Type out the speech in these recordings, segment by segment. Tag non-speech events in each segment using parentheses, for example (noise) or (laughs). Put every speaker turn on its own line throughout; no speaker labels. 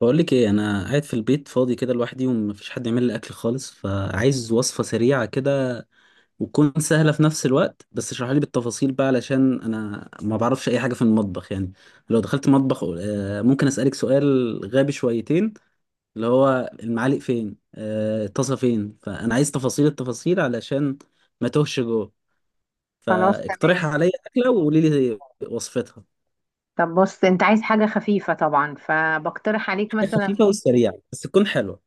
بقول لك ايه، انا قاعد في البيت فاضي كده لوحدي ومفيش حد يعمل لي اكل خالص، فعايز وصفه سريعه كده وتكون سهله في نفس الوقت. بس اشرح لي بالتفاصيل بقى، علشان انا ما بعرفش اي حاجه في المطبخ يعني. لو دخلت مطبخ ممكن اسالك سؤال غبي شويتين؟ اللي هو المعالق فين، الطاسه فين؟ فانا عايز تفاصيل التفاصيل علشان ما توهش جوه.
خلاص، تمام.
فاقترح عليا اكله وقولي لي وصفتها.
طب بص، انت عايز حاجة خفيفة طبعا، فبقترح عليك
حاجه
مثلا،
خفيفه وسريعه بس تكون حلوه.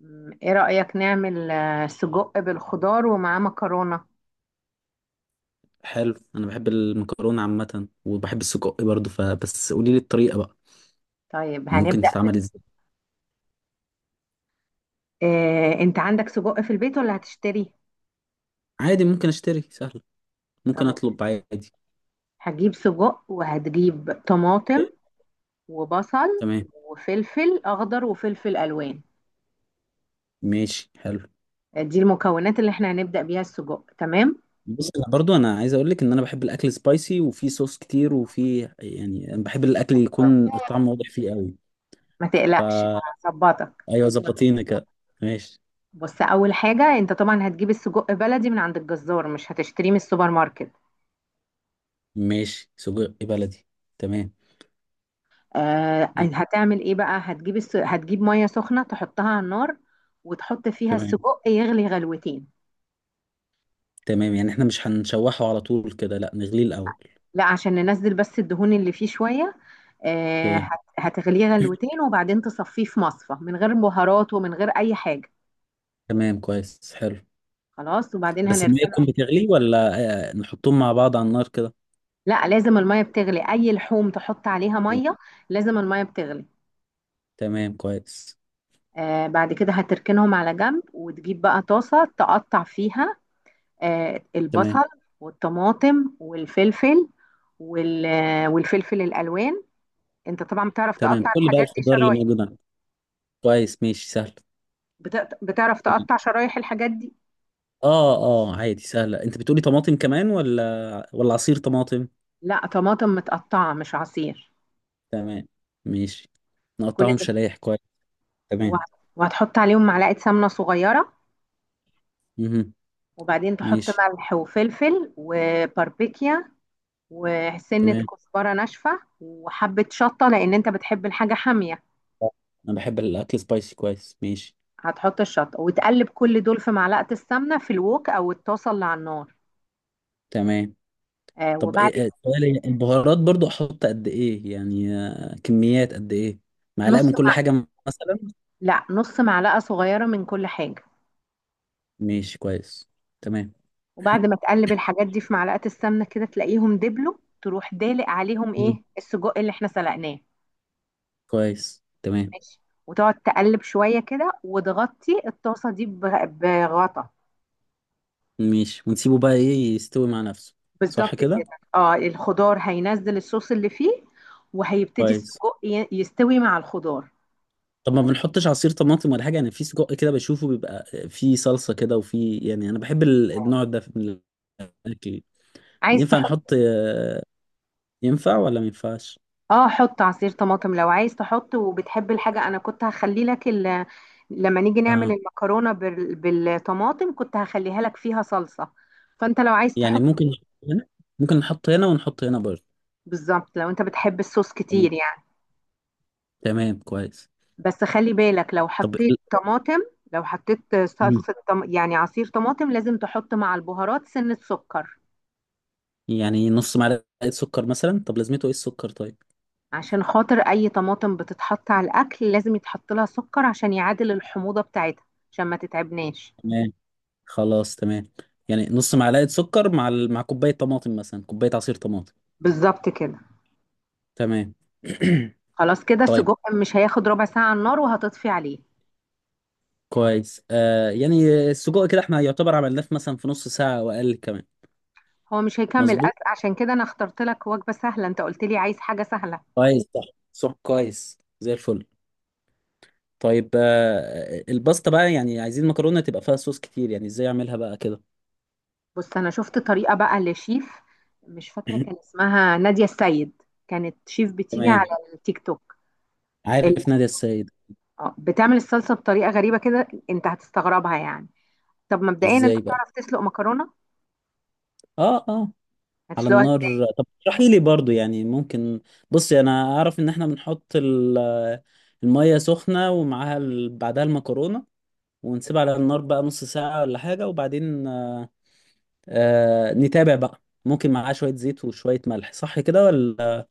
ايه رأيك نعمل سجق بالخضار ومعاه مكرونة.
حلو، انا بحب المكرونه عامه وبحب السجق برضه، فبس قولي لي الطريقه بقى،
طيب،
ممكن
هنبدأ.
تتعمل ازاي؟
اه، انت عندك سجق في البيت ولا هتشتري؟
عادي، ممكن اشتري، سهل. ممكن
طب
اطلب عادي.
هتجيب سجق وهتجيب طماطم وبصل
تمام،
وفلفل اخضر وفلفل الوان.
ماشي، حلو.
دي المكونات اللي احنا هنبدأ بيها. السجق تمام،
بص، انا برضو انا عايز اقول لك ان انا بحب الاكل سبايسي وفي صوص كتير، وفي يعني أنا بحب الاكل يكون الطعم واضح فيه قوي.
ما تقلقش،
فا
هظبطك.
ايوه، ظبطينا كده. ماشي.
بص، اول حاجة انت طبعا هتجيب السجق بلدي من عند الجزار، مش هتشتريه من السوبر ماركت.
ماشي، سجق بلدي. تمام.
هتعمل ايه بقى؟ هتجيب ميه سخنه تحطها على النار، وتحط فيها
تمام.
السجق يغلي غلوتين.
تمام، يعني احنا مش هنشوحه على طول كده، لا نغليه الاول؟
لا، عشان ننزل بس الدهون اللي فيه شويه.
اوكي.
هتغليه
(clears throat)
غلوتين، وبعدين تصفيه في مصفى، من غير بهارات ومن غير اي حاجه.
تمام، كويس، حلو.
خلاص، وبعدين
بس المية
هنركنه.
تكون بتغلي ولا نحطهم مع بعض على النار كده؟
لا، لازم الميه بتغلي. اي لحوم تحط عليها
تمام.
ميه، لازم الميه بتغلي.
تمام، كويس.
آه، بعد كده هتركنهم على جنب، وتجيب بقى طاسه تقطع فيها
تمام.
البصل والطماطم والفلفل، والفلفل الالوان. انت طبعا بتعرف
تمام،
تقطع
كل بقى
الحاجات دي
الخضار اللي
شرايح؟
موجودة. كويس، ماشي، سهل.
بتعرف تقطع
تمام.
شرايح الحاجات دي.
اه. اه، عادي، سهلة. انت بتقولي طماطم كمان ولا عصير طماطم؟
لا، طماطم متقطعه، مش عصير.
تمام، ماشي،
كل
نقطعهم
ده،
شرايح، كويس.
وه-
تمام،
وهتحط عليهم معلقه سمنه صغيره،
مهم.
وبعدين تحط
ماشي.
ملح وفلفل وباربيكيا وسنه
تمام،
كزبره ناشفه وحبه شطه، لان انت بتحب الحاجه حاميه.
انا بحب الاكل سبايسي، كويس، ماشي.
هتحط الشطه وتقلب كل دول في معلقه السمنه في الوك او الطاسه اللي على النار.
تمام.
آه،
طب،
وبعد كده،
سؤال. البهارات برضو احط قد ايه يعني؟ كميات قد ايه؟ معلقة
نص
من كل حاجة
مع...
مثلا؟
لا، نص معلقة صغيرة من كل حاجة.
ماشي، كويس. تمام.
وبعد ما تقلب الحاجات دي في معلقة السمنة كده، تلاقيهم دبلوا. تروح دالق عليهم
مم.
ايه؟ السجق اللي احنا سلقناه.
كويس، تمام.
ماشي. وتقعد تقلب شوية كده، وتغطي الطاسة دي بغطا.
ماشي، ونسيبه بقى ايه، يستوي مع نفسه؟ صح
بالظبط
كده.
كده. اه، الخضار هينزل الصوص اللي فيه، وهيبتدي
كويس.
السجق يستوي مع الخضار.
طب ما بنحطش عصير طماطم ولا حاجه؟ انا في سجق كده بشوفه بيبقى فيه صلصه كده، وفي يعني انا بحب النوع ده من الاكل.
عايز
ينفع
تحط؟
نحط ينفع ولا ما ينفعش؟
اه، حط عصير طماطم لو عايز تحط وبتحب الحاجة. انا كنت هخلي لك لما نيجي نعمل
اه.
المكرونة بالطماطم كنت هخليها لك فيها صلصة. فانت لو عايز
يعني
تحط،
ممكن نحط هنا، ممكن نحط هنا ونحط هنا برضه.
بالظبط، لو انت بتحب الصوص
تمام.
كتير يعني.
تمام، كويس.
بس خلي بالك، لو
طب
حطيت طماطم، لو حطيت
مم.
يعني عصير طماطم، لازم تحط مع البهارات سنة سكر.
يعني نص معلقه سكر مثلا؟ طب لازمته ايه السكر، طيب؟
عشان خاطر اي طماطم بتتحط على الاكل لازم يتحط لها سكر، عشان يعادل الحموضة بتاعتها، عشان ما تتعبناش.
تمام، خلاص، تمام. يعني نص معلقة سكر مع كوباية طماطم مثلا، كوباية عصير طماطم.
بالظبط كده.
تمام. (clears throat)
خلاص، كده
طيب.
السجق مش هياخد ربع ساعة على النار، وهتطفي عليه.
كويس، يعني السجق كده احنا يعتبر عملناه في، مثلا، في نص ساعة او اقل كمان.
هو مش هيكمل
مظبوط.
أكل، عشان كده أنا اخترت لك وجبة سهلة، أنت قلت لي عايز حاجة سهلة.
كويس، صح. صح، كويس، زي الفل. طيب، الباستا بقى يعني، عايزين مكرونة تبقى فيها صوص كتير. يعني ازاي اعملها بقى كده؟
بص، أنا شفت طريقة بقى لشيف، مش فاكرة، كان
(clears throat)
اسمها نادية السيد. كانت شيف
(laughs)
بتيجي على
تمام.
التيك توك. ال-
عارف نادية السيد.
بتعمل الصلصة بطريقة غريبة كده، أنت هتستغربها يعني. طب مبدئيا، أنت
ازاي بقى؟
بتعرف تسلق مكرونة؟
اه، آه. على
هتسلقها
النار.
ازاي؟
طب اشرحي لي برضو يعني، ممكن؟ بصي، انا اعرف ان احنا بنحط المية سخنة ومعاها بعدها المكرونة. ونسيبها على النار بقى نص ساعة ولا حاجة، وبعدين نتابع بقى. ممكن معاها شوية زيت وشوية ملح، صح كده ولا؟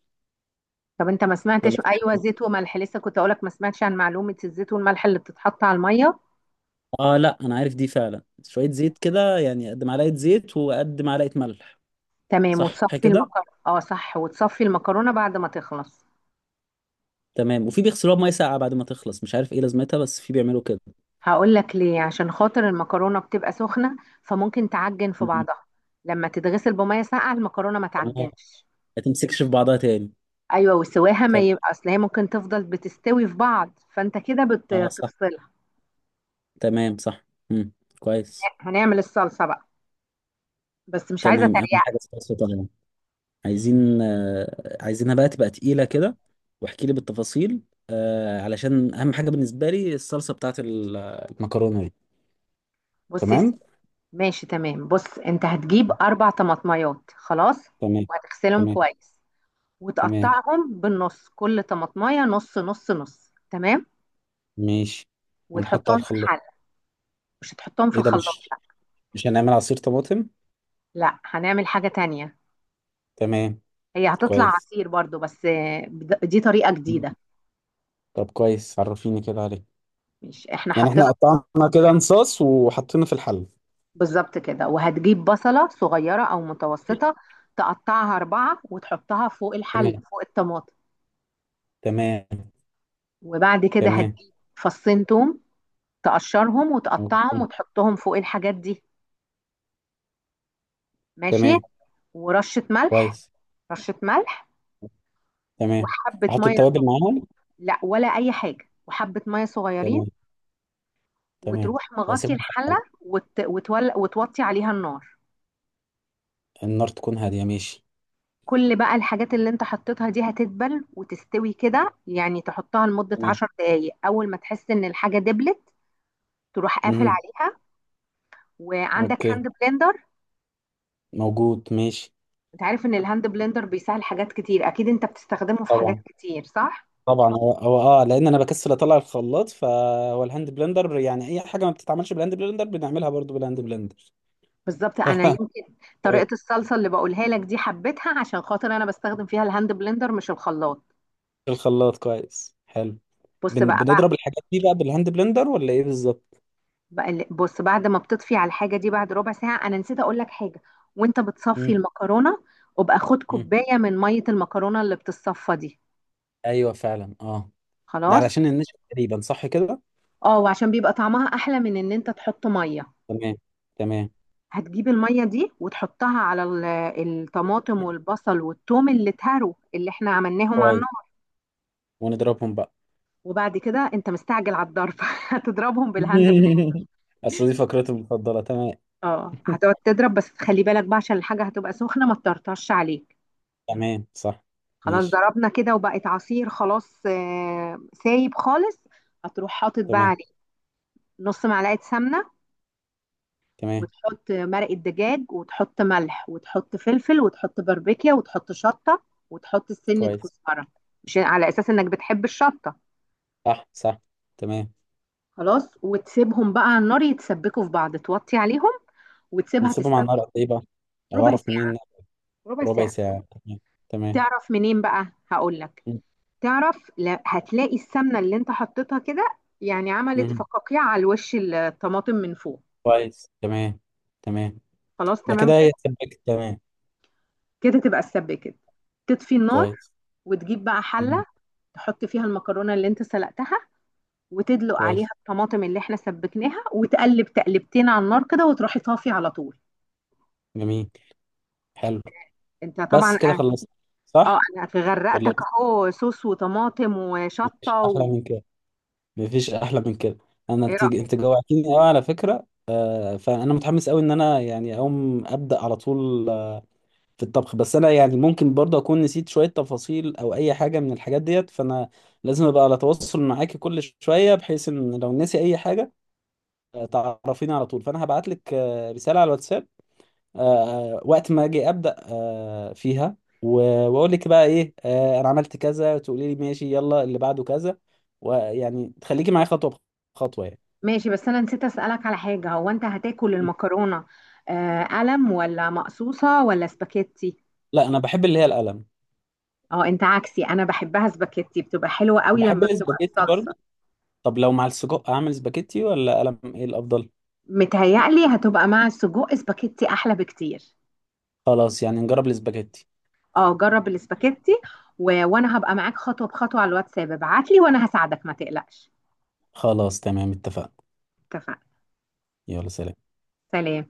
طب انت ما
ولا
سمعتش؟
في
ايوه،
حاجة؟
زيت وملح. لسه كنت اقولك، ما سمعتش عن معلومه الزيت والملح اللي بتتحط على الميه؟
اه، لا، انا عارف دي فعلا. شوية زيت كده، يعني قد معلقة زيت وقد معلقة ملح.
تمام،
صح
وتصفي
كده.
المكرونة. اه صح، وتصفي المكرونة بعد ما تخلص.
تمام، وفي بيغسلوها بمية ساقعة بعد ما تخلص. مش عارف ايه لازمتها، بس في بيعملوا كده.
هقول لك ليه. عشان خاطر المكرونة بتبقى سخنة، فممكن تعجن في
مم.
بعضها. لما تتغسل بمية ساقعة، المكرونة ما
تمام،
تعجنش.
ما تمسكش في بعضها تاني.
ايوه، وسواها ما يبقى، اصل هي ممكن تفضل بتستوي في بعض، فانت كده
اه صح.
بتفصلها.
تمام، صح. مم. كويس.
هنعمل الصلصة بقى، بس مش عايزة
تمام، اهم
تريقة.
حاجه الصلصه طبعا. عايزينها بقى تبقى تقيله كده. واحكي لي بالتفاصيل. علشان اهم حاجه بالنسبه لي الصلصه بتاعت المكرونه دي.
بص يا
تمام.
سيدي. ماشي تمام. بص، انت هتجيب اربع طماطميات، خلاص،
تمام.
وهتغسلهم
تمام.
كويس،
تمام.
وتقطعهم بالنص، كل طماطمية نص نص. نص تمام.
ماشي، ونحط على
وتحطهم في
الخلاط؟
حلة. مش هتحطهم في
ايه ده،
الخلاط،
مش
لا.
مش هنعمل عصير طماطم؟
لا، هنعمل حاجة تانية.
تمام،
هي هتطلع
كويس.
عصير برضو، بس دي طريقة جديدة.
طب كويس، عرفيني كده عليه.
مش احنا
يعني
حطينا،
احنا قطعنا كده انصاص وحطينا في الحل.
بالظبط كده. وهتجيب بصلة صغيرة او متوسطة، تقطعها اربعة، وتحطها فوق الحلة
تمام.
فوق الطماطم.
تمام.
وبعد كده هتجيب فصين توم، تقشرهم وتقطعهم
تمام.
وتحطهم فوق الحاجات دي. ماشي.
تمام.
ورشة ملح.
كويس.
رشة ملح.
تمام،
وحبة
احط
مية صغ-
التوابل معاهم؟
لا، ولا اي حاجة. وحبة مية صغيرين.
تمام. تمام،
وتروح مغطي
واسيبهم في
الحلة،
الحلقة.
وتوطي عليها النار.
النار تكون هادية، ماشي.
كل بقى الحاجات اللي انت حطيتها دي هتدبل وتستوي كده. يعني تحطها لمدة
تمام.
10 دقايق، أول ما تحس إن الحاجة دبلت، تروح قافل
امم
عليها. وعندك
اوكي،
هاند بلندر.
موجود، ماشي.
انت عارف ان الهاند بلندر بيسهل حاجات كتير، اكيد انت بتستخدمه في حاجات
طبعا.
كتير، صح؟
طبعا، هو هو اه، لان انا بكسل اطلع الخلاط، فهو الهاند بلندر يعني اي حاجه ما بتتعملش بالهاند بلندر بنعملها برضو بالهاند بلندر.
بالظبط. انا
(laughs)
يمكن طريقة
تمام.
الصلصة اللي بقولها لك دي حبيتها عشان خاطر انا بستخدم فيها الهاند بلندر، مش الخلاط.
الخلاط، كويس، حلو.
بص بقى.
بنضرب الحاجات دي بقى بالهاند بلندر، ولا ايه بالظبط؟
بص، بعد ما بتطفي على الحاجه دي بعد ربع ساعه، انا نسيت اقول لك حاجه، وانت بتصفي
مم.
المكرونه، وابقى خد
مم.
كوبايه من ميه المكرونه اللي بتتصفى دي.
ايوه، فعلا، اه. ده
خلاص.
علشان النشا تقريبا، صح كده؟
اه، وعشان بيبقى طعمها احلى من ان انت تحط ميه.
تمام. تمام،
هتجيب الميه دي وتحطها على الطماطم والبصل والثوم اللي اتهروا، اللي احنا عملناهم على
كويس.
النار.
ونضربهم بقى؟
وبعد كده، انت مستعجل على الضرب. (laughs) هتضربهم بالهاند بلندر.
(laughs) اصل دي فقرته المفضله، تمام.
اه، هتقعد تضرب، بس خلي بالك بقى، عشان الحاجه هتبقى سخنه، ما تطرطش عليها.
تمام، صح.
خلاص،
ماشي.
ضربنا كده وبقت عصير خلاص، سايب خالص. هتروح حاطط بقى
تمام.
عليه نص معلقة سمنة،
تمام،
وتحط مرقة دجاج، وتحط ملح، وتحط فلفل، وتحط باربيكيا، وتحط شطة، وتحط سنة
كويس،
كزبرة، مش على أساس إنك بتحب الشطة.
صح. صح، تمام.
خلاص، وتسيبهم بقى على النار يتسبكوا في بعض، توطي عليهم وتسيبها
نسيبهم على النار
تتسبك.
قد ايه بقى، لو
ربع
اعرف منين؟
ساعة. ربع
ربع
ساعة.
ساعه، تمام. تمام.
تعرف منين بقى؟ هقول لك.
م-
تعرف، لا، هتلاقي السمنة اللي انت حطيتها كده يعني عملت
م.
فقاقيع على الوش، الطماطم من فوق.
كويس. تمام. تمام.
خلاص
ده
تمام
كده
كده.
هي سبكت، تمام.
كده تبقى السبة كده. تطفي النار،
كويس.
وتجيب بقى
م-
حلة، تحط فيها المكرونة اللي انت سلقتها، وتدلق عليها
كويس،
الطماطم اللي احنا سبكناها، وتقلب تقلبتين على النار كده، وتروحي طافي على طول.
جميل، حلو.
انت طبعا،
بس كده خلصت،
اه،
صح؟
انا
ولا
غرقتك
بس؟
اهو، صوص وطماطم
مفيش
وشطة
احلى من كده. مفيش احلى من كده. انا انت انت جوعتني قوي على فكره. فانا متحمس قوي ان انا يعني اقوم ابدا على طول في الطبخ. بس انا يعني ممكن برضه اكون نسيت شويه تفاصيل او اي حاجه من الحاجات ديت، فانا لازم ابقى على تواصل معاكي كل شويه، بحيث ان لو نسي اي حاجه، تعرفيني على طول. فانا هبعت لك رساله على الواتساب. آه، وقت ما اجي ابدا فيها. و- واقول لك بقى ايه، انا عملت كذا، تقولي لي ماشي، يلا اللي بعده كذا. ويعني تخليكي معايا خطوه بخطوه يعني.
ماشي. بس انا نسيت اسالك على حاجه. هو انت هتاكل المكرونه آه قلم ولا مقصوصه ولا سباكيتي؟
لا، انا بحب اللي هي القلم،
اه، انت عكسي. انا بحبها سباكيتي، بتبقى حلوه قوي
وبحب
لما بتبقى
الاسباجيتي
الصلصه.
برضه. طب لو مع السجق اعمل سباجيتي ولا قلم، ايه الافضل؟
متهيألي هتبقى مع السجق سباكيتي احلى بكتير.
خلاص، يعني نجرب السباجيتي.
اه، جرب السباكيتي. وانا هبقى معاك خطوه بخطوه على الواتساب. ابعت لي وانا هساعدك، ما تقلقش.
خلاص، تمام، اتفقنا.
اتفقنا.
يلا، سلام.
سلام.